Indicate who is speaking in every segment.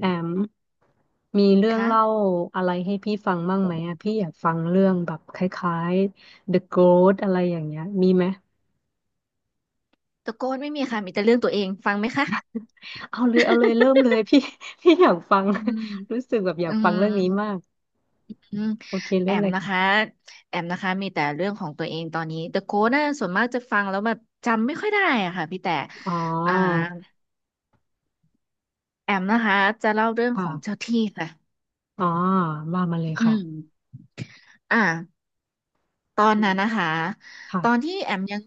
Speaker 1: แอมมีเรื่อง
Speaker 2: คะ
Speaker 1: เล่าอะไรให้พี่ฟังบ้างไหมอะพี่อยากฟังเรื่องแบบคล้ายๆ The Ghost อะไรอย่างเงี้ยมีไหม
Speaker 2: ตะโกนไม่มีค่ะมีแต่เรื่องตัวเองฟังไหมคะ
Speaker 1: เอาเลยเอาเลยเริ่มเลย พี่ พี่อยากฟัง
Speaker 2: อืม
Speaker 1: รู้สึกแบบอยา
Speaker 2: อื
Speaker 1: กฟั
Speaker 2: ม
Speaker 1: งเรื่องนี้มาก
Speaker 2: อืม
Speaker 1: โอเค
Speaker 2: แอ
Speaker 1: เริ่ม
Speaker 2: ม
Speaker 1: เลย
Speaker 2: นะคะ
Speaker 1: ค่ะ
Speaker 2: มีแต่เรื่องของตัวเองตอนนี้ The Code น่ะส่วนมากจะฟังแล้วแบบจำไม่ค่อยได้อะค่ะพี่แต่
Speaker 1: อ๋อ
Speaker 2: อ่าแอมนะคะจะเล่าเรื่องของเจ้า
Speaker 1: ค่ะ
Speaker 2: ที่ค่ะ
Speaker 1: อ๋อว่ามาเลย
Speaker 2: อื
Speaker 1: ค่ะ
Speaker 2: มอ่าตอน
Speaker 1: อื
Speaker 2: นั้
Speaker 1: ม
Speaker 2: นนะคะ
Speaker 1: ค่ะ
Speaker 2: ตอนที่แอมยัง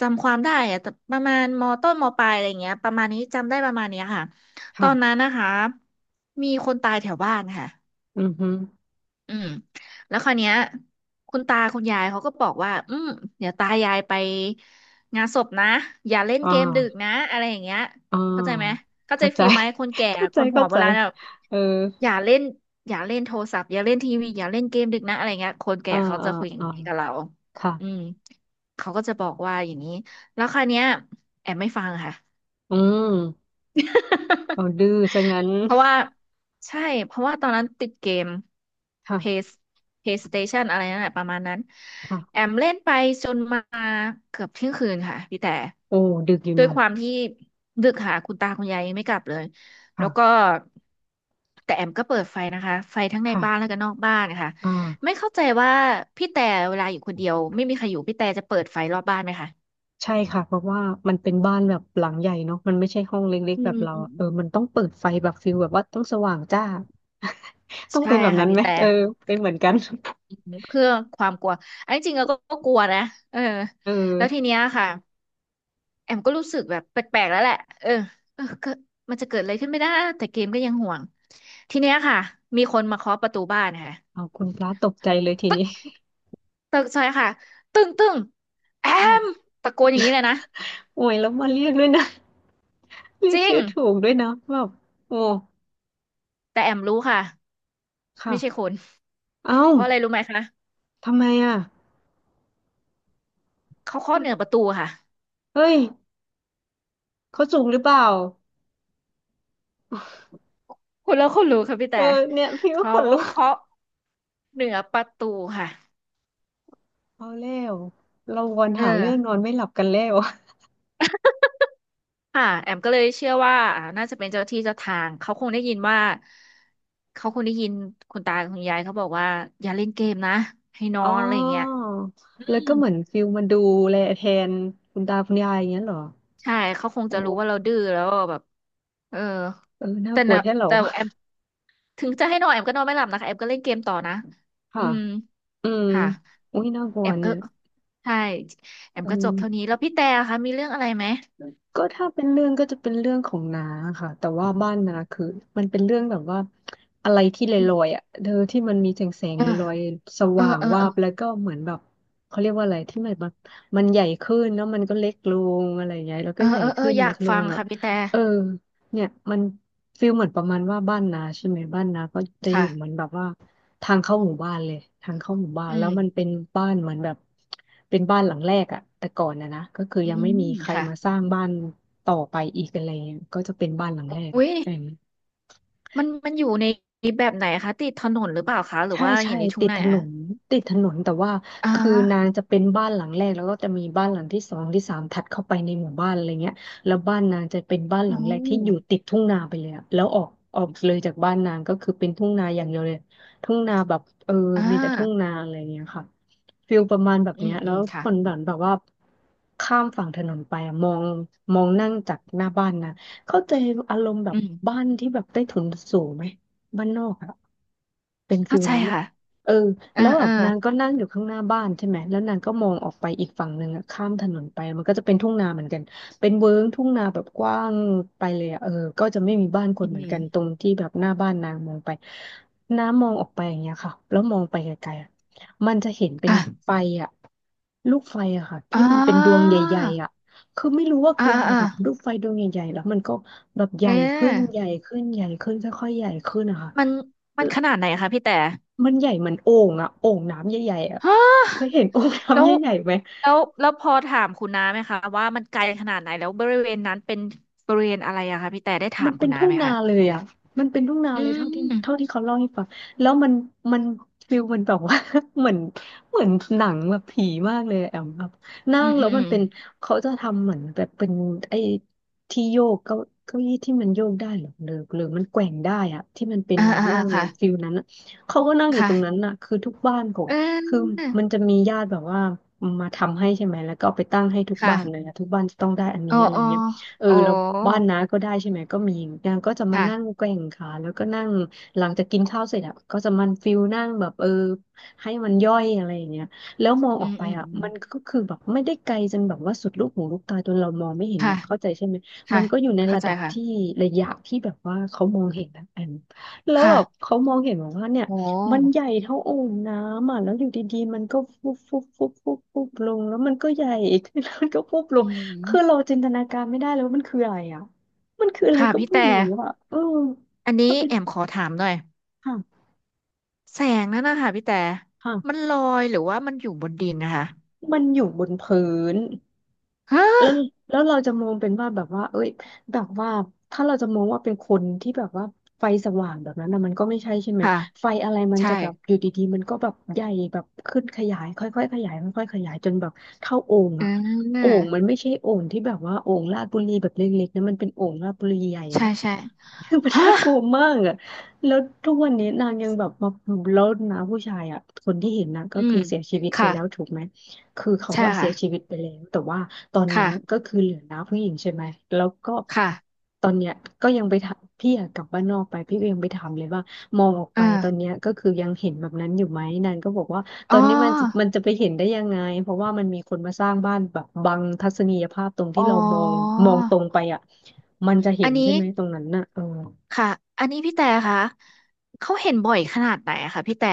Speaker 2: จำความได้อะแต่ประมาณมต้นมปลายอะไรเงี้ยประมาณนี้จำได้ประมาณเนี้ยค่ะตอ
Speaker 1: ค่ะ
Speaker 2: นนั้นนะคะมีคนตายแถวบ้านค่ะ
Speaker 1: อือฮึ
Speaker 2: อืมแล้วคราวเนี้ยคุณตาคุณยายเขาก็บอกว่าเดี๋ยวตายายไปงานศพนะอย่าเล่น
Speaker 1: อ๋อ
Speaker 2: เกมดึกนะอะไรอย่างเงี้ย
Speaker 1: อ๋อ
Speaker 2: เข้าใจไหมเข้าใจ
Speaker 1: เข้าใจ
Speaker 2: ฟีลไหมคนแก่
Speaker 1: เข้า
Speaker 2: ค
Speaker 1: ใจ
Speaker 2: นหั
Speaker 1: เข้า
Speaker 2: วโบ
Speaker 1: ใจ
Speaker 2: ราณแบบ
Speaker 1: เออ
Speaker 2: อย่าเล่นอย่าเล่นโทรศัพท์อย่าเล่นทีวีอย่าเล่นเกมดึกนะอะไรเงี้ยคนแก่
Speaker 1: อ่า
Speaker 2: เขาจะ
Speaker 1: อ่า
Speaker 2: คุยอย่าง
Speaker 1: อ่า
Speaker 2: นี้กับเรา
Speaker 1: ค่ะ
Speaker 2: อืมเขาก็จะบอกว่าอย่างนี้แล้วคราวเนี้ยแอบไม่ฟังค่ะ
Speaker 1: อืมเอา ดื้อซะงั้น
Speaker 2: เพราะว่าใช่เพราะว่าตอนนั้นติดเกม
Speaker 1: ค่
Speaker 2: Play PlayStation อะไรนั่นแหละประมาณนั้นแอ
Speaker 1: ะ
Speaker 2: มเล่นไปจนมาเกือบเที่ยงคืนค่ะพี่แต่
Speaker 1: โอ้ดึกอยู่
Speaker 2: ด้ว
Speaker 1: เนี่
Speaker 2: ยความที่ดึกค่ะคุณตาคุณยายยังไม่กลับเลยแล้วก็
Speaker 1: ค่ะ
Speaker 2: แต่แอมก็เปิดไฟนะคะไฟทั้งใน
Speaker 1: ค่ะ
Speaker 2: บ้านแล้วก็นอกบ้านนะคะ
Speaker 1: อ
Speaker 2: ไม่
Speaker 1: ่า
Speaker 2: เข้าใจว่าพี่แต่เวลาอยู่คนเดียวไม่มีใครอยู่พี่แต่จะเปิดไฟรอบบ้านไหมคะ
Speaker 1: ใช่ค่ะเพราะว่ามันเป็นบ้านแบบหลังใหญ่เนาะมันไม่ใช่ห้องเล็ก
Speaker 2: อื
Speaker 1: ๆแบ
Speaker 2: ม
Speaker 1: บ
Speaker 2: อืม
Speaker 1: เรา
Speaker 2: อื
Speaker 1: อะ
Speaker 2: ม
Speaker 1: เออมันต้องเปิดไฟแบบฟิลแบบว่าต้องสว่างจ้า ต้อง
Speaker 2: ใช่
Speaker 1: เป็นแบบ
Speaker 2: ค่ะ
Speaker 1: นั้น
Speaker 2: พี่
Speaker 1: ไหม
Speaker 2: แต่
Speaker 1: เออเป็นเหมือนกัน
Speaker 2: เพื่อความกลัวอันที่จริงเราก็กลัวนะเออ
Speaker 1: เออ
Speaker 2: แล้วทีเนี้ยค่ะแอมก็รู้สึกแบบแปลกๆแล้วแหละเกิดมันจะเกิดอะไรขึ้นไม่ได้แต่เกมก็ยังห่วงทีเนี้ยค่ะมีคนมาเคาะประตูบ้านค่ะ
Speaker 1: เอาคุณพระตกใจเลยทีนี้
Speaker 2: ตึกซอยค่ะตึ้งตึ้งแอ
Speaker 1: อ้าว
Speaker 2: มตะโกนอย่างนี้เลยนะ
Speaker 1: โอ้ยแล้วมาเรียกด้วยนะ เรีย
Speaker 2: จ
Speaker 1: ก
Speaker 2: ริง
Speaker 1: ชื่อถูกด้วยนะแบบโอ้
Speaker 2: แต่แอมรู้ค่ะไม่ใช่ค
Speaker 1: ค่ะ
Speaker 2: น
Speaker 1: เอ้า
Speaker 2: เพราะอะไรรู้ไหมคะ
Speaker 1: ทำไมอ่ะ
Speaker 2: เขาเคาะ
Speaker 1: เ
Speaker 2: เหนือประตูค่ะ
Speaker 1: ฮ้ยเขาสูงหรือเปล่า
Speaker 2: คุณรู้ค่ะพี่
Speaker 1: เอ
Speaker 2: แต่
Speaker 1: อเนี่ยพี่ก็
Speaker 2: เขา
Speaker 1: ขนลุก
Speaker 2: เคาะเหนือประตูค่ะ
Speaker 1: เอาแล้วเราวน
Speaker 2: เออ
Speaker 1: หาเรื่องนอนไม่หลับกันแล้ว
Speaker 2: ค่ะแอมก็เลยเชื่อว่าน่าจะเป็นเจ้าที่เจ้าทางเขาคงได้ยินว่าเขาคงได้ยินคุณตาคุณยายเขาบอกว่าอย่าเล่นเกมนะให้นอ
Speaker 1: อ๋อ
Speaker 2: นอะไรอย่างเงี้ยอื
Speaker 1: แล้ว
Speaker 2: ม
Speaker 1: ก็เหมือนฟิลมาดูแลแทนคุณตาคุณยายอย่างเงี้ยเหรอ
Speaker 2: ใช่เขาคง
Speaker 1: โอ
Speaker 2: จะรู้ว่าเรา
Speaker 1: ้
Speaker 2: ดื้อแล้วแบบเออ
Speaker 1: เออน่า
Speaker 2: แต่
Speaker 1: กลัว
Speaker 2: นะ
Speaker 1: แท้เหรอ
Speaker 2: แต่แอมถึงจะให้นอนแอมก็นอนไม่หลับนะคะแอมก็เล่นเกมต่อนะอื
Speaker 1: ค่ะ
Speaker 2: ม
Speaker 1: อืม
Speaker 2: ค่ะ
Speaker 1: อุ้ยน่ากลั
Speaker 2: แอ
Speaker 1: ว
Speaker 2: ม
Speaker 1: เนี่
Speaker 2: ก็
Speaker 1: ย
Speaker 2: ใช่แอม
Speaker 1: อื
Speaker 2: ก็จบเท่านี้
Speaker 1: ม
Speaker 2: แล้วพี่แต่คะมีเรื่องอะไรไหม
Speaker 1: ก็ถ้าเป็นเรื่องก็จะเป็นเรื่องของน้าค่ะแต่ว่าบ้านน้าคือมันเป็นเรื่องแบบว่าอะไรที่ล
Speaker 2: อื
Speaker 1: อยๆ
Speaker 2: ม
Speaker 1: อ่ะเธอที่มันมีแสงแสง
Speaker 2: เออ
Speaker 1: ลอยๆส
Speaker 2: เออ
Speaker 1: ว่าง
Speaker 2: เออ
Speaker 1: วา
Speaker 2: เออ
Speaker 1: บแล้วก็เหมือนแบบเขาเรียกว่าอะไรที่มันแบบมันใหญ่ขึ้นแล้วมันก็เล็กลงอะไรอย่างเงี้ยแล้ว
Speaker 2: เอ
Speaker 1: ก็
Speaker 2: อ
Speaker 1: ใหญ่
Speaker 2: เออเออ
Speaker 1: ขึ้น
Speaker 2: อยา
Speaker 1: เล็
Speaker 2: ก
Speaker 1: กล
Speaker 2: ฟั
Speaker 1: ง
Speaker 2: ง
Speaker 1: อ่ะ
Speaker 2: ค่ะพี่แต่
Speaker 1: เออเนี่ยมันฟีลเหมือนประมาณว่าบ้านนาใช่ไหมบ้านนาก็จะอยู่เหมือน
Speaker 2: ค่ะ
Speaker 1: แบบว่า ทางเข้าหมู่บ้านเลยทางเข้าหมู่บ้าน
Speaker 2: อื
Speaker 1: แล้ว
Speaker 2: ม
Speaker 1: มันเป็นบ้านเหมือนแบบเป็นบ้านหลังแรกอะแต่ก่อนนะก็คือ
Speaker 2: อื
Speaker 1: ยังไม่
Speaker 2: ม
Speaker 1: มีใคร
Speaker 2: ค่ะ
Speaker 1: มาสร้างบ้านต่อไปอีกอะไรเงี้ยก็จะเป็นบ้านหลังแรกอะ
Speaker 2: อุ้ยมันอยู่ในแบบไหนคะติดถนนหรือเปล่าคะหรือ
Speaker 1: ใช่
Speaker 2: ว่าอ
Speaker 1: ใช่
Speaker 2: ยู่ในทุ่ง
Speaker 1: ติด
Speaker 2: นา
Speaker 1: ถนนติดถนนแต่ว่า
Speaker 2: อ่า
Speaker 1: คือนางจะเป็นบ้านหลังแรกแล้วก็จะมีบ้านหลังที่สองที่สามถัดเข้าไปในหมู่บ้านอะไรเงี้ยแล้วบ้านนางจะเป็นบ้านห
Speaker 2: อื
Speaker 1: ลังแรกที่อยู่
Speaker 2: ม
Speaker 1: ติดทุ่งนาไปเลยอะแล้วออกออกเลยจากบ้านนางก็คือเป็นทุ่งนาอย่างเดียวเลยทุ่งนาแบบเออ
Speaker 2: อ่
Speaker 1: มีแต่ทุ่งนา
Speaker 2: า
Speaker 1: อะไรเงี้ยค่ะฟิลประมาณแบบ
Speaker 2: อื
Speaker 1: เนี้
Speaker 2: ม
Speaker 1: ยแล้
Speaker 2: อืม
Speaker 1: วค
Speaker 2: ค่ะ
Speaker 1: นแบบว่าข้ามฝั่งถนนไปอะมองมองนั่งจากหน้าบ้านนะเข้าใจอารมณ์แบ
Speaker 2: อื
Speaker 1: บบ้า
Speaker 2: ม
Speaker 1: นที่แบบใต้ถุนสูงไหม บ้านนอกอะเป็นฟิ
Speaker 2: เข้า
Speaker 1: ล
Speaker 2: ใจ
Speaker 1: นั้นอะ
Speaker 2: ค่ะ
Speaker 1: เออ
Speaker 2: เออ
Speaker 1: แล้วแบ
Speaker 2: เออ
Speaker 1: บนางก็นั่งอยู่ข้างหน้าบ้านใช่ไหมแล้วนางก็มองออกไปอีกฝั่งหนึ่งอะข้ามถนนไปมันก็จะเป็นทุ่งนาเหมือนกันเป็นเวิ้งทุ่งนาแบบกว้างไปเลยอะเออก็จะไม่มีบ้านค
Speaker 2: อื
Speaker 1: นเหมือนกัน
Speaker 2: ม
Speaker 1: ตรงที่แบบหน้าบ้านนางมองไปน้ามองออกไปอย่างเงี้ยค่ะแล้วมองไปไกลๆอะมันจะเห็นเป็นไฟ
Speaker 2: ค่ะ
Speaker 1: อะลูกไฟอะค่ะที่
Speaker 2: อ่า
Speaker 1: มันเป็นดวงใหญ่ๆอะคือไม่รู้ว่า
Speaker 2: อ่า
Speaker 1: คืออะไร
Speaker 2: อ่า
Speaker 1: แบบลูกไฟดวงใหญ่ๆแล้วมันก็ แบบให
Speaker 2: เ
Speaker 1: ญ่ขึ้น
Speaker 2: ออ
Speaker 1: ใหญ่ขึ้นใหญ่ขึ้นค่อยๆใหญ่ขึ้นนะคะ
Speaker 2: มันมันขนาดไหนคะพี่แต่
Speaker 1: มันใหญ่เหมือนโอ่งอะโอ่งน้ำใหญ่ๆอะ
Speaker 2: ฮะ
Speaker 1: เคยเห็น โอ่ง
Speaker 2: แล้
Speaker 1: น้ำ
Speaker 2: ว
Speaker 1: ใหญ่ๆไหม
Speaker 2: แล้วพอถามคุณน้าไหมคะว่ามันไกลขนาดไหนแล้วบริเวณนั้นเป็นบริเวณอะไรอะคะพี่แต่ได้ถา
Speaker 1: มั
Speaker 2: ม
Speaker 1: น
Speaker 2: คุ
Speaker 1: เป็
Speaker 2: ณ
Speaker 1: น
Speaker 2: น้า
Speaker 1: ทุ่ง
Speaker 2: ไหม
Speaker 1: นา
Speaker 2: คะ
Speaker 1: เลยอ่ะมันเป็นทุ่งนา
Speaker 2: อื
Speaker 1: เลยเท่าที่
Speaker 2: ม
Speaker 1: เท่าที่เขาเล่าให้ฟังแล้วมันฟิลมันแบบว่า เหมือนเหมือนหนังแบบผีมากเลยอะแอมครับนั่
Speaker 2: อื
Speaker 1: ง
Speaker 2: มอื
Speaker 1: แล้ว
Speaker 2: ม
Speaker 1: มั
Speaker 2: อื
Speaker 1: น
Speaker 2: ม
Speaker 1: เป็นเขาจะทำเหมือนแบบเป็นไอ้ที่โยกเก้าเก้าอี้ที่มันโยกได้เหรอหรือหรือมันแกว่งได้อ่ะที่มันเป็น
Speaker 2: อ่า
Speaker 1: ม้า
Speaker 2: อ่า
Speaker 1: นั่
Speaker 2: อ่า
Speaker 1: งแล้
Speaker 2: ค่ะ
Speaker 1: วฟิลนั้นอะเขาก็นั่งอยู่ตรงนั้น
Speaker 2: ค่ะ
Speaker 1: น่ะคือทุกบ้านของ
Speaker 2: เ
Speaker 1: คือ
Speaker 2: ออ
Speaker 1: มันจะมีญาติแบบว่ามาทำให้ใช่ไหมแล้วก็เอาไปตั้งให้ทุกบ้านเลย
Speaker 2: ค่ะ
Speaker 1: อะทุกบ้านจะต้องได้อันนี้
Speaker 2: อ๋อ
Speaker 1: อะไร
Speaker 2: อ๋อ
Speaker 1: เงี้ย เออ
Speaker 2: โอ้
Speaker 1: แล้วบ้านน้าก็ได้ใช่ไหมก็มีนางก็จะมานั่ง
Speaker 2: ค่ะ
Speaker 1: แกว่งขาแล้วก็นั่งหลังจากกินข้าวเสร็จอ่ะก็จะมันฟิลนั่งแบบเออให้มันย่อยอะไรอย่างเงี้ยแล้วมองอ
Speaker 2: อื
Speaker 1: อก
Speaker 2: ม
Speaker 1: ไป
Speaker 2: อืม
Speaker 1: อ่ะ
Speaker 2: อืม
Speaker 1: มันก็คือแบบไม่ได้ไกลจนแบบว่าสุดลูกหูลูกตาจนเรามองไม่เห็น
Speaker 2: ค่ะ
Speaker 1: นะเข้าใจใช่ไหมมั
Speaker 2: ค่ะ
Speaker 1: นก็อยู่ใน
Speaker 2: เข้า
Speaker 1: ระ
Speaker 2: ใจ
Speaker 1: ดับที่
Speaker 2: ค่ะ
Speaker 1: ระยะที่แบบว่าเขามองเห็นนะแอมแล้ว
Speaker 2: ค่ะ
Speaker 1: แบบเขามองเห็นแบบว่าเนี่ย
Speaker 2: โอ
Speaker 1: มัน
Speaker 2: ้
Speaker 1: ใหญ่เท่าโอ่งน้ำอ่ะแล้วอยู่ดีๆมันก็ฟุบฟุบฟุบฟุบฟุบลงแล้วมันก็ใหญ่ ขึ้นแล้วมันก็ฟุบล
Speaker 2: อื
Speaker 1: ง คือเรา
Speaker 2: ม
Speaker 1: จินตนาการไม่ได้เลยว่ามันคืออะไรอ่ะ มันคืออะไร
Speaker 2: ค่ะ
Speaker 1: ก็
Speaker 2: พี่
Speaker 1: ไม่
Speaker 2: แต่
Speaker 1: รู้อ่ะเออ
Speaker 2: อันนี้
Speaker 1: ถ้าไป
Speaker 2: แอมขอถามหน่อย
Speaker 1: ค่ะ
Speaker 2: แสงนั่นนะคะพี่แต่มัน
Speaker 1: ค่ะ
Speaker 2: ลอยหรือว่ามันอยู่บนดินนะคะ
Speaker 1: มันอยู่บนพื้น
Speaker 2: ฮะ
Speaker 1: แล้วแล้วเราจะมองเป็นว่าแบบว่าเอ้ยแบบว่าถ้าเราจะมองว่าเป็นคนที่แบบว่าไฟสว่างแบบนั้นนะมันก็ไม่ใช่ใช่ไหม
Speaker 2: ค่ะ
Speaker 1: ไฟอะไรมัน
Speaker 2: ใช่
Speaker 1: จะแบบอยู่ดีๆมันก็แบบใหญ่แบบขึ้นขยายค่อยๆขยายค่อยๆขยายจนแบบเท่าโอ่ง
Speaker 2: เอ
Speaker 1: อะโอ่
Speaker 2: อ
Speaker 1: งมันไม่ใช่โอ่งที่แบบว่าโอ่งลาดบุรีแบบเล็กๆนะมันเป็นโอ่งลาดบุรีใหญ่
Speaker 2: ใช่
Speaker 1: อะ
Speaker 2: ใช่
Speaker 1: คือมัน
Speaker 2: ฮะ
Speaker 1: น่ากลัวมากอะแล้วทุกวันนี้นางยังแบบมาแล้วนะผู้ชายอะคนที่เห็นนะก็
Speaker 2: อื
Speaker 1: คื
Speaker 2: ม
Speaker 1: อเสียชีวิตไปแล้ว
Speaker 2: ค่ะ
Speaker 1: ถูกไหม คือเขา
Speaker 2: ใช่
Speaker 1: ว่าเสี
Speaker 2: ค่ะ
Speaker 1: ยชีวิตไปแล้วแต่ว่าตอนเนี้ยก็
Speaker 2: ค่ะ
Speaker 1: คือเหลือน้าผู้หญิงใช่ไหมแล้วก็
Speaker 2: ค่ะ
Speaker 1: ตอนเนี้ยก็ยังไปถามพี่อะกลับบ้านนอกไปพี่ก็ยังไปถามเลยว่ามองออก
Speaker 2: เอ
Speaker 1: ไปตอน
Speaker 2: อ
Speaker 1: เนี้ยก็คือยังเห็นแบบนั้นอยู่ไหมนางก็บอกว่าต
Speaker 2: อ๋
Speaker 1: อนนี้มันจะมั
Speaker 2: อ
Speaker 1: นจะไปเห็นได้ยังไงเพราะว่ามันมีคนมาสร้างบ้านแบบบังทัศนียภาพตรง
Speaker 2: อ๋
Speaker 1: ที่
Speaker 2: อ
Speaker 1: เรามองมองตรงไปอ่ะมันจะเห็
Speaker 2: อั
Speaker 1: น
Speaker 2: น
Speaker 1: ใช่
Speaker 2: นี้
Speaker 1: ไหมตรงนั้นน่ะเออ
Speaker 2: ค่ะอันนี้พี่แต่ค่ะเขาเห็นบ่อยขนาดไหนอะคะพี่แต่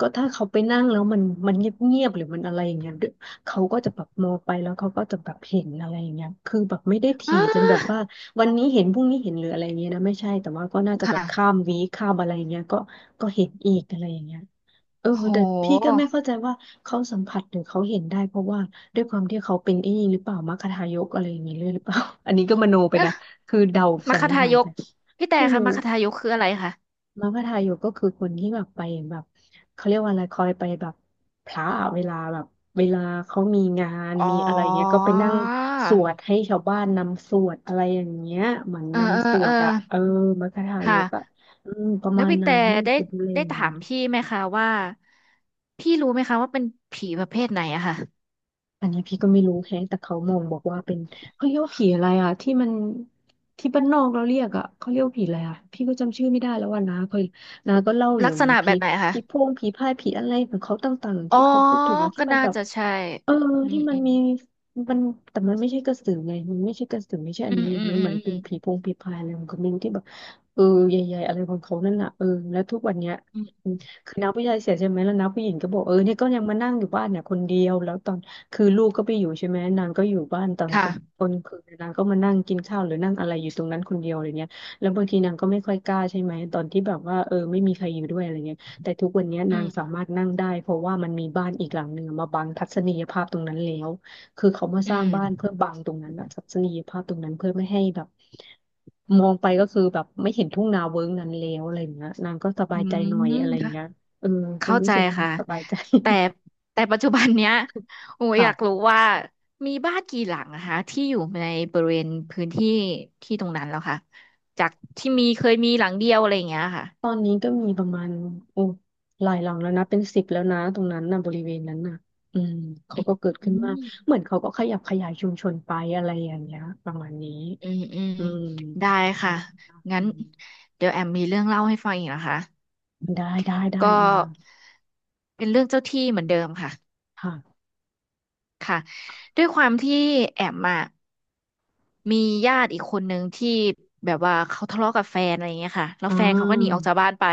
Speaker 1: ก็ถ้าเขาไปนั่งแล้วมันเงียบๆหรือมันอะไรอย่างเงี้ยเดี๋ยวเขาก็จะแบบมองไปแล้วเขาก็จะแบบเห็นอะไรอย่างเงี้ยคือแบบไม่ได้ถี่
Speaker 2: อ้า
Speaker 1: จนแบบว่าวันนี้เห็นพรุ่งนี้เห็นหรืออะไรอย่างเงี้ยนะไม่ใช่แต่ว่าก็น่าจะแบบ
Speaker 2: ค่ะ
Speaker 1: ข้ามวีคข้ามอะไรอย่างเงี้ยก็เห็นอีกอะไรอย่างเงี้ยเออ
Speaker 2: โ
Speaker 1: แต่พี่
Speaker 2: ห
Speaker 1: ก็ไม่เข้าใจว่าเขาสัมผัสหรือเขาเห็นได้เพราะว่าด้วยความที่เขาเป็นไอ้นี่หรือเปล่ามัคคทายกอะไรอย่างเงี้ยเลยหรือเปล่า อันนี้ก็มโนไป
Speaker 2: เอ๊ะ
Speaker 1: นะคือเดา
Speaker 2: มัค
Speaker 1: สั
Speaker 2: ค
Speaker 1: นนิษ
Speaker 2: ทา
Speaker 1: ฐา
Speaker 2: ย
Speaker 1: นไป
Speaker 2: ก พี่แต่
Speaker 1: ไม่
Speaker 2: คะ
Speaker 1: รู้
Speaker 2: มัคคทายกคืออะไรคะ
Speaker 1: มัคคทายกก็คือคนที่แบบไปแบบเขาเรียกว่าอะไรคอยไปแบบพระอะเวลาแบบเวลาเขามีงาน
Speaker 2: อ๋อ
Speaker 1: มีอะไรเงี้ยก็ไปนั่งสวดให้ชาวบ้านนำสวดอะไรอย่างเงี้ยเหมือน
Speaker 2: เออเออ
Speaker 1: นำสว
Speaker 2: เออ
Speaker 1: ดอะเออมัคคทายกอะ
Speaker 2: ค่ะ
Speaker 1: อืมประ
Speaker 2: แล้ว
Speaker 1: มาณ
Speaker 2: พี่
Speaker 1: นั้
Speaker 2: แต่
Speaker 1: น
Speaker 2: ได้
Speaker 1: คือดูแล
Speaker 2: ได้
Speaker 1: อย่าง
Speaker 2: ถา
Speaker 1: นั้น
Speaker 2: มพี่ไหมคะว่า พี่รู้ไหมคะว่าเป็นผีประเภทไหนอะค่ะ
Speaker 1: อันนี้พี่ก็ไม่รู้แฮะแต่เขามองบอกว่าเป็นเขาเรียกว่าผีอะไรอ่ะที่มันที่บ้านนอกเราเรียกอ่ะเขาเรียกว่าผีอะไรอ่ะพี่ก็จำชื่อไม่ได้แล้วว่านาเขานาก็เล่าอ
Speaker 2: ลั
Speaker 1: ยู่
Speaker 2: กษ
Speaker 1: เหมือน
Speaker 2: ณะแบ
Speaker 1: ผี
Speaker 2: บไหนอะคะ
Speaker 1: ผีโพงผีพายผีอะไรของเขาต่างๆ
Speaker 2: อ๋อ
Speaker 1: ที่เขาพูดถึงอะที่
Speaker 2: ก็
Speaker 1: มัน
Speaker 2: น่า
Speaker 1: แบบ
Speaker 2: จะใช่
Speaker 1: เออ
Speaker 2: อื
Speaker 1: ที่
Speaker 2: ม
Speaker 1: มัน
Speaker 2: อืม
Speaker 1: มีมันแต่มันไม่ใช่กระสือไงมันไม่ใช่กระสือไม่ใช่อั
Speaker 2: อื
Speaker 1: นนี้
Speaker 2: มอืม
Speaker 1: มัน
Speaker 2: อื
Speaker 1: เหมื
Speaker 2: ม
Speaker 1: อนเป็
Speaker 2: อื
Speaker 1: น
Speaker 2: ม
Speaker 1: ผีโพงผีพายอะไรของเขาไม่รู้ที่แบบเออใหญ่ๆอะไรของเขานั่นน่ะเออแล้วทุกวันเนี้ย
Speaker 2: อืม
Speaker 1: อืมคือน้าผู้ชายเสียใช่ไหมแล้วน้าผู้หญิงก็บอกเออเนี่ยก็ยังมานั่งอยู่บ้านเนี่ยคนเดียวแล้วตอนคือลูกก็ไปอยู่ใช่ไหมนางก็อยู่บ้านตอนกลาง
Speaker 2: ค่ะ
Speaker 1: ตอนคืนนางก็มานั่งกินข้าวหรือนั่งอะไรอยู่ตรงนั้นคนเดียวอะไรเงี้ยแล้วบางทีนางก็ไม่ค่อยกล้าใช่ไหมตอนที่แบบว่าเออไม่มีใครอยู่ด้วยอะไรเงี้ย แต่ทุกวันนี้
Speaker 2: อื
Speaker 1: นางสา
Speaker 2: ม
Speaker 1: มารถนั่งได้เพราะว่ามันมีบ้านอีกหลังหนึ่งมาบังทัศนียภาพตรงนั้นแล้วคือเขามา
Speaker 2: อื
Speaker 1: สร้างบ้านเพื่อ
Speaker 2: ม
Speaker 1: บังตรงนั้นอะทัศนียภาพตรงนั้นเพื่อไม่ให้แบบมองไปก็คือแบบไม่เห็นทุ่งนาเวิ้งนั้นแล้วอะไรอย่างเงี้ยนางก็ส
Speaker 2: อื
Speaker 1: บายใจ
Speaker 2: ม
Speaker 1: หน่อยอะไรอย่าง
Speaker 2: ค่ะ
Speaker 1: เงี้ยเออก็
Speaker 2: เข้า
Speaker 1: รู้
Speaker 2: ใจ
Speaker 1: สึกมัน
Speaker 2: ค่ะ
Speaker 1: สบายใจ
Speaker 2: แต่ปัจจุบันเนี้ยโอ้ อยากรู้
Speaker 1: ค่ะ
Speaker 2: ว่ามีบ้านกี่หลังนะคะที่อยู่ในบริเวณพื้นที่ที่ตรงนั้นแล้วค่ะจากที่มีเคยมีหลังเดียวอะไรอย่างเงี้ยค่ะ
Speaker 1: ตอนนี้ก็มีประมาณโอ้หลายหลังแล้วนะเป็นสิบแล้วนะตรงนั้นนะบริเวณนั้นน่ะอืมเขาก็เกิด
Speaker 2: อื
Speaker 1: ขึ้นมากเห
Speaker 2: ม
Speaker 1: มือนเขาก็ขยับขยายชุมชนไปอะไรอย่างเงี้ยประมาณนี้
Speaker 2: อืมอืม
Speaker 1: อืม
Speaker 2: ได้
Speaker 1: ท
Speaker 2: ค่ะ
Speaker 1: ำ
Speaker 2: งั้
Speaker 1: อื
Speaker 2: น
Speaker 1: ม
Speaker 2: เดี๋ยวแอมมีเรื่องเล่าให้ฟังอีกนะคะ
Speaker 1: ได้
Speaker 2: ก็
Speaker 1: มา
Speaker 2: เป็นเรื่องเจ้าที่เหมือนเดิมค่ะ
Speaker 1: ค่ะ
Speaker 2: ค่ะด้วยความที่แอมอ่ะ มีญาติอีกคนนึงที่แบบว่าเขาทะเลาะกับแฟนอะไรเงี้ยค่ะแล้ว
Speaker 1: อ่
Speaker 2: แฟนเขาก็หนีออก
Speaker 1: า
Speaker 2: จากบ้านไป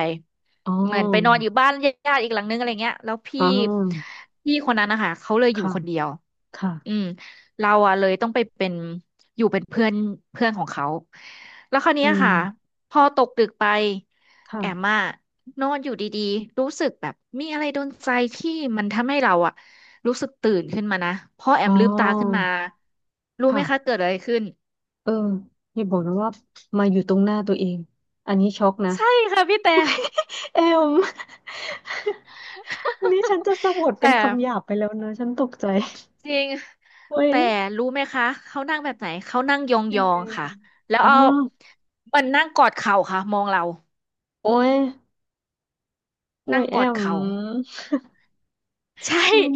Speaker 1: อ๋อ
Speaker 2: เหมือนไปนอนอยู่บ้านญาติอีกหลังนึงอะไรเงี้ยแล้ว
Speaker 1: อ๋อ
Speaker 2: พี่คนนั้นนะคะเขาเลยอยู่
Speaker 1: ค่ะ
Speaker 2: คนเดียวอื
Speaker 1: ค่ะ
Speaker 2: มเราอะเลยต้องไปเป็นอยู่เป็นเพื่อนเพื่อนของเขาแล้วคราว
Speaker 1: อื
Speaker 2: เนี้ย
Speaker 1: ม
Speaker 2: ค่ะพอตกดึกไปแอม
Speaker 1: ค่ะ
Speaker 2: อะนอนอยู่ดีๆรู้สึกแบบมีอะไรโดนใจที่มันทำให้เราอะรู้สึกตื่นขึ้นมานะพอแอ
Speaker 1: อ๋อ
Speaker 2: มลืมตาขึ้นมารู้ไหมคะ
Speaker 1: ค่ะ
Speaker 2: เกิดอะไรขึ้น
Speaker 1: เอออย่าบอกนะว่ามาอยู่ตรงหน้าตัวเองอันนี้ช็อกนะ
Speaker 2: ใช่ค่ะพี่แต่
Speaker 1: เอม นี่ฉันจะสะบัดเป็
Speaker 2: แต่
Speaker 1: นคำหยาบไปแล้วนะฉันตกใจ
Speaker 2: จริง
Speaker 1: เฮ้ย
Speaker 2: แต่รู้ไหมคะเขานั่งแบบไหนเขานั่งย
Speaker 1: ยัง
Speaker 2: อ
Speaker 1: ไง
Speaker 2: งๆค่ะ
Speaker 1: อะ
Speaker 2: แล้ว
Speaker 1: อ๋อ
Speaker 2: เอามันนั่งกอดเข่าค่ะมองเรา
Speaker 1: โอ้ยโอ้
Speaker 2: นั่
Speaker 1: ย
Speaker 2: ง
Speaker 1: แอ
Speaker 2: กอด
Speaker 1: ม
Speaker 2: เข่าใช่
Speaker 1: มัน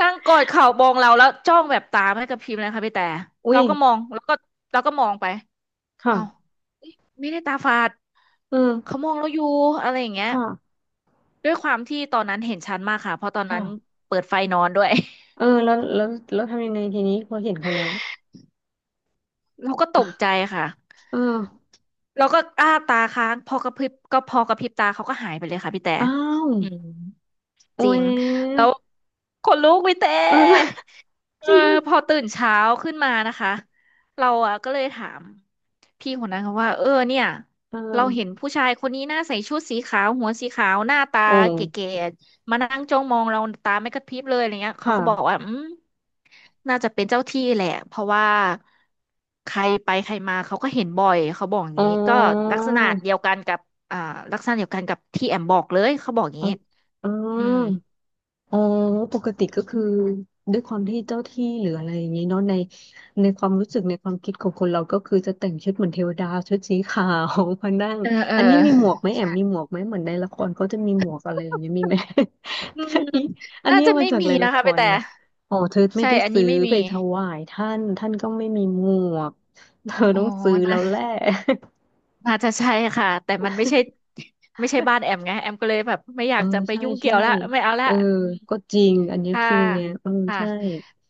Speaker 2: นั่งกอดเข่ามองเราแล้วจ้องแบบตาไม่กระพริบเลยค่ะพี่แต่
Speaker 1: อุ้
Speaker 2: เรา
Speaker 1: ย
Speaker 2: ก็มองแล้วก็เราก็มองไป
Speaker 1: ค่ะ
Speaker 2: เอ้าเอ๊ะไม่ได้ตาฝาด
Speaker 1: เอืม
Speaker 2: เขามองเราอยู่อะไรอย่างเงี้ย
Speaker 1: ค่ะ
Speaker 2: ด้วยความที่ตอนนั้นเห็นชัดมากค่ะเพราะตอนนั้น
Speaker 1: ค่ะ
Speaker 2: เปิดไฟนอนด้วย
Speaker 1: เออแล้วทำยังไงทีนี้พอเห็นเขาแล้ว
Speaker 2: เราก็ตกใจค่ะ
Speaker 1: เออ
Speaker 2: แล้วก็อ้าตาค้างพอกระพริบตาเขาก็หายไปเลยค่ะพี่แต่
Speaker 1: อ้าว
Speaker 2: อืม
Speaker 1: โอ้
Speaker 2: จริ
Speaker 1: ย
Speaker 2: งแล้วคนลุกพี่แต่
Speaker 1: เออ
Speaker 2: เอ
Speaker 1: จ
Speaker 2: อ
Speaker 1: ริง
Speaker 2: พอตื่นเช้าขึ้นมานะคะเราอ่ะก็เลยถาม พี่คนนั้นเขาว่าเออเนี่ย
Speaker 1: เอ
Speaker 2: เราเห็น
Speaker 1: อ
Speaker 2: ผู้ชายคนนี้หน้าใส่ชุดสีขาวหัวสีขาวหน้าตา
Speaker 1: โอ้
Speaker 2: เก๋ๆมานั่งจ้องมองเราตาไม่กระพริบเลยอะไรเงี้ยเขาก็บอก
Speaker 1: ค่ะ
Speaker 2: ว่าอืมน่าจะเป็นเจ้าที่แหละเพราะว่าใครไปใครมาเขาก็เห็นบ่อยเขาบอกอย่าง
Speaker 1: อ๋อ
Speaker 2: นี้ก็ลักษณะเดียวกันกับอ่าลักษณะเดียวกันกับที่แอมบอกเลยเขาบอกอย่าง
Speaker 1: อ๋อ
Speaker 2: นี้
Speaker 1: อ๋อ
Speaker 2: อืม
Speaker 1: เออปกติก็คือด้วยความที่เจ้าที่หรืออะไรอย่างนี้เนาะในความรู้สึกในความคิดของคนเราก็คือจะแต่งชุดเหมือนเทวดาชุดสีขาวมานั่ง
Speaker 2: เออเออ
Speaker 1: อันนี้มีหมวกไหมแอม
Speaker 2: ใช่
Speaker 1: มีหมวกไหมเหมือนในละครเขาจะมีหมวกอะไรอย่างเงี้ยมีไหม
Speaker 2: อื
Speaker 1: อั
Speaker 2: ม
Speaker 1: นนี้อัน
Speaker 2: น่า
Speaker 1: นี้
Speaker 2: จะ
Speaker 1: เอามา
Speaker 2: ไม่
Speaker 1: จาก
Speaker 2: มี
Speaker 1: ใน
Speaker 2: นะ
Speaker 1: ละค
Speaker 2: คะไป
Speaker 1: ร
Speaker 2: แต่
Speaker 1: นะอ๋อเธอไม่
Speaker 2: ใช่
Speaker 1: ได้
Speaker 2: อัน
Speaker 1: ซื้
Speaker 2: นี้
Speaker 1: อ
Speaker 2: ไม่
Speaker 1: ไป
Speaker 2: มี
Speaker 1: ถวายท่านท่านก็ไม่มีหมวกเธอ
Speaker 2: โอ
Speaker 1: ต้องซื้อแล้
Speaker 2: ้
Speaker 1: วแหละ
Speaker 2: น่าจะใช่ค่ะแต่มันไม่ใช่ ไม่ใช่บ้านแอมไงแอมก็เลยแบบไม่อ
Speaker 1: เอ
Speaker 2: ยา
Speaker 1: อ
Speaker 2: กจะไป
Speaker 1: ใช่
Speaker 2: ยุ่งเกี่
Speaker 1: ใช่
Speaker 2: ยวละไม่เอาละ
Speaker 1: เออ
Speaker 2: อืม
Speaker 1: ก็จริงอันเนี้ย
Speaker 2: ถ้า
Speaker 1: ฟิลเนี้ยเออ
Speaker 2: ค่ะ
Speaker 1: ใช่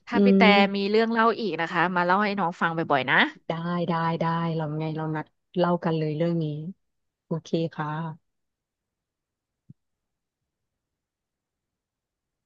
Speaker 2: ถ้า
Speaker 1: อื
Speaker 2: พี่
Speaker 1: ม
Speaker 2: แต่มีเรื่องเล่าอีกนะคะมาเล่าให้น้องฟังบ่อยๆนะ
Speaker 1: ได้ได้เราไงเรานัดเล่ากันเลยเรื่องนี้โอเคค่ะ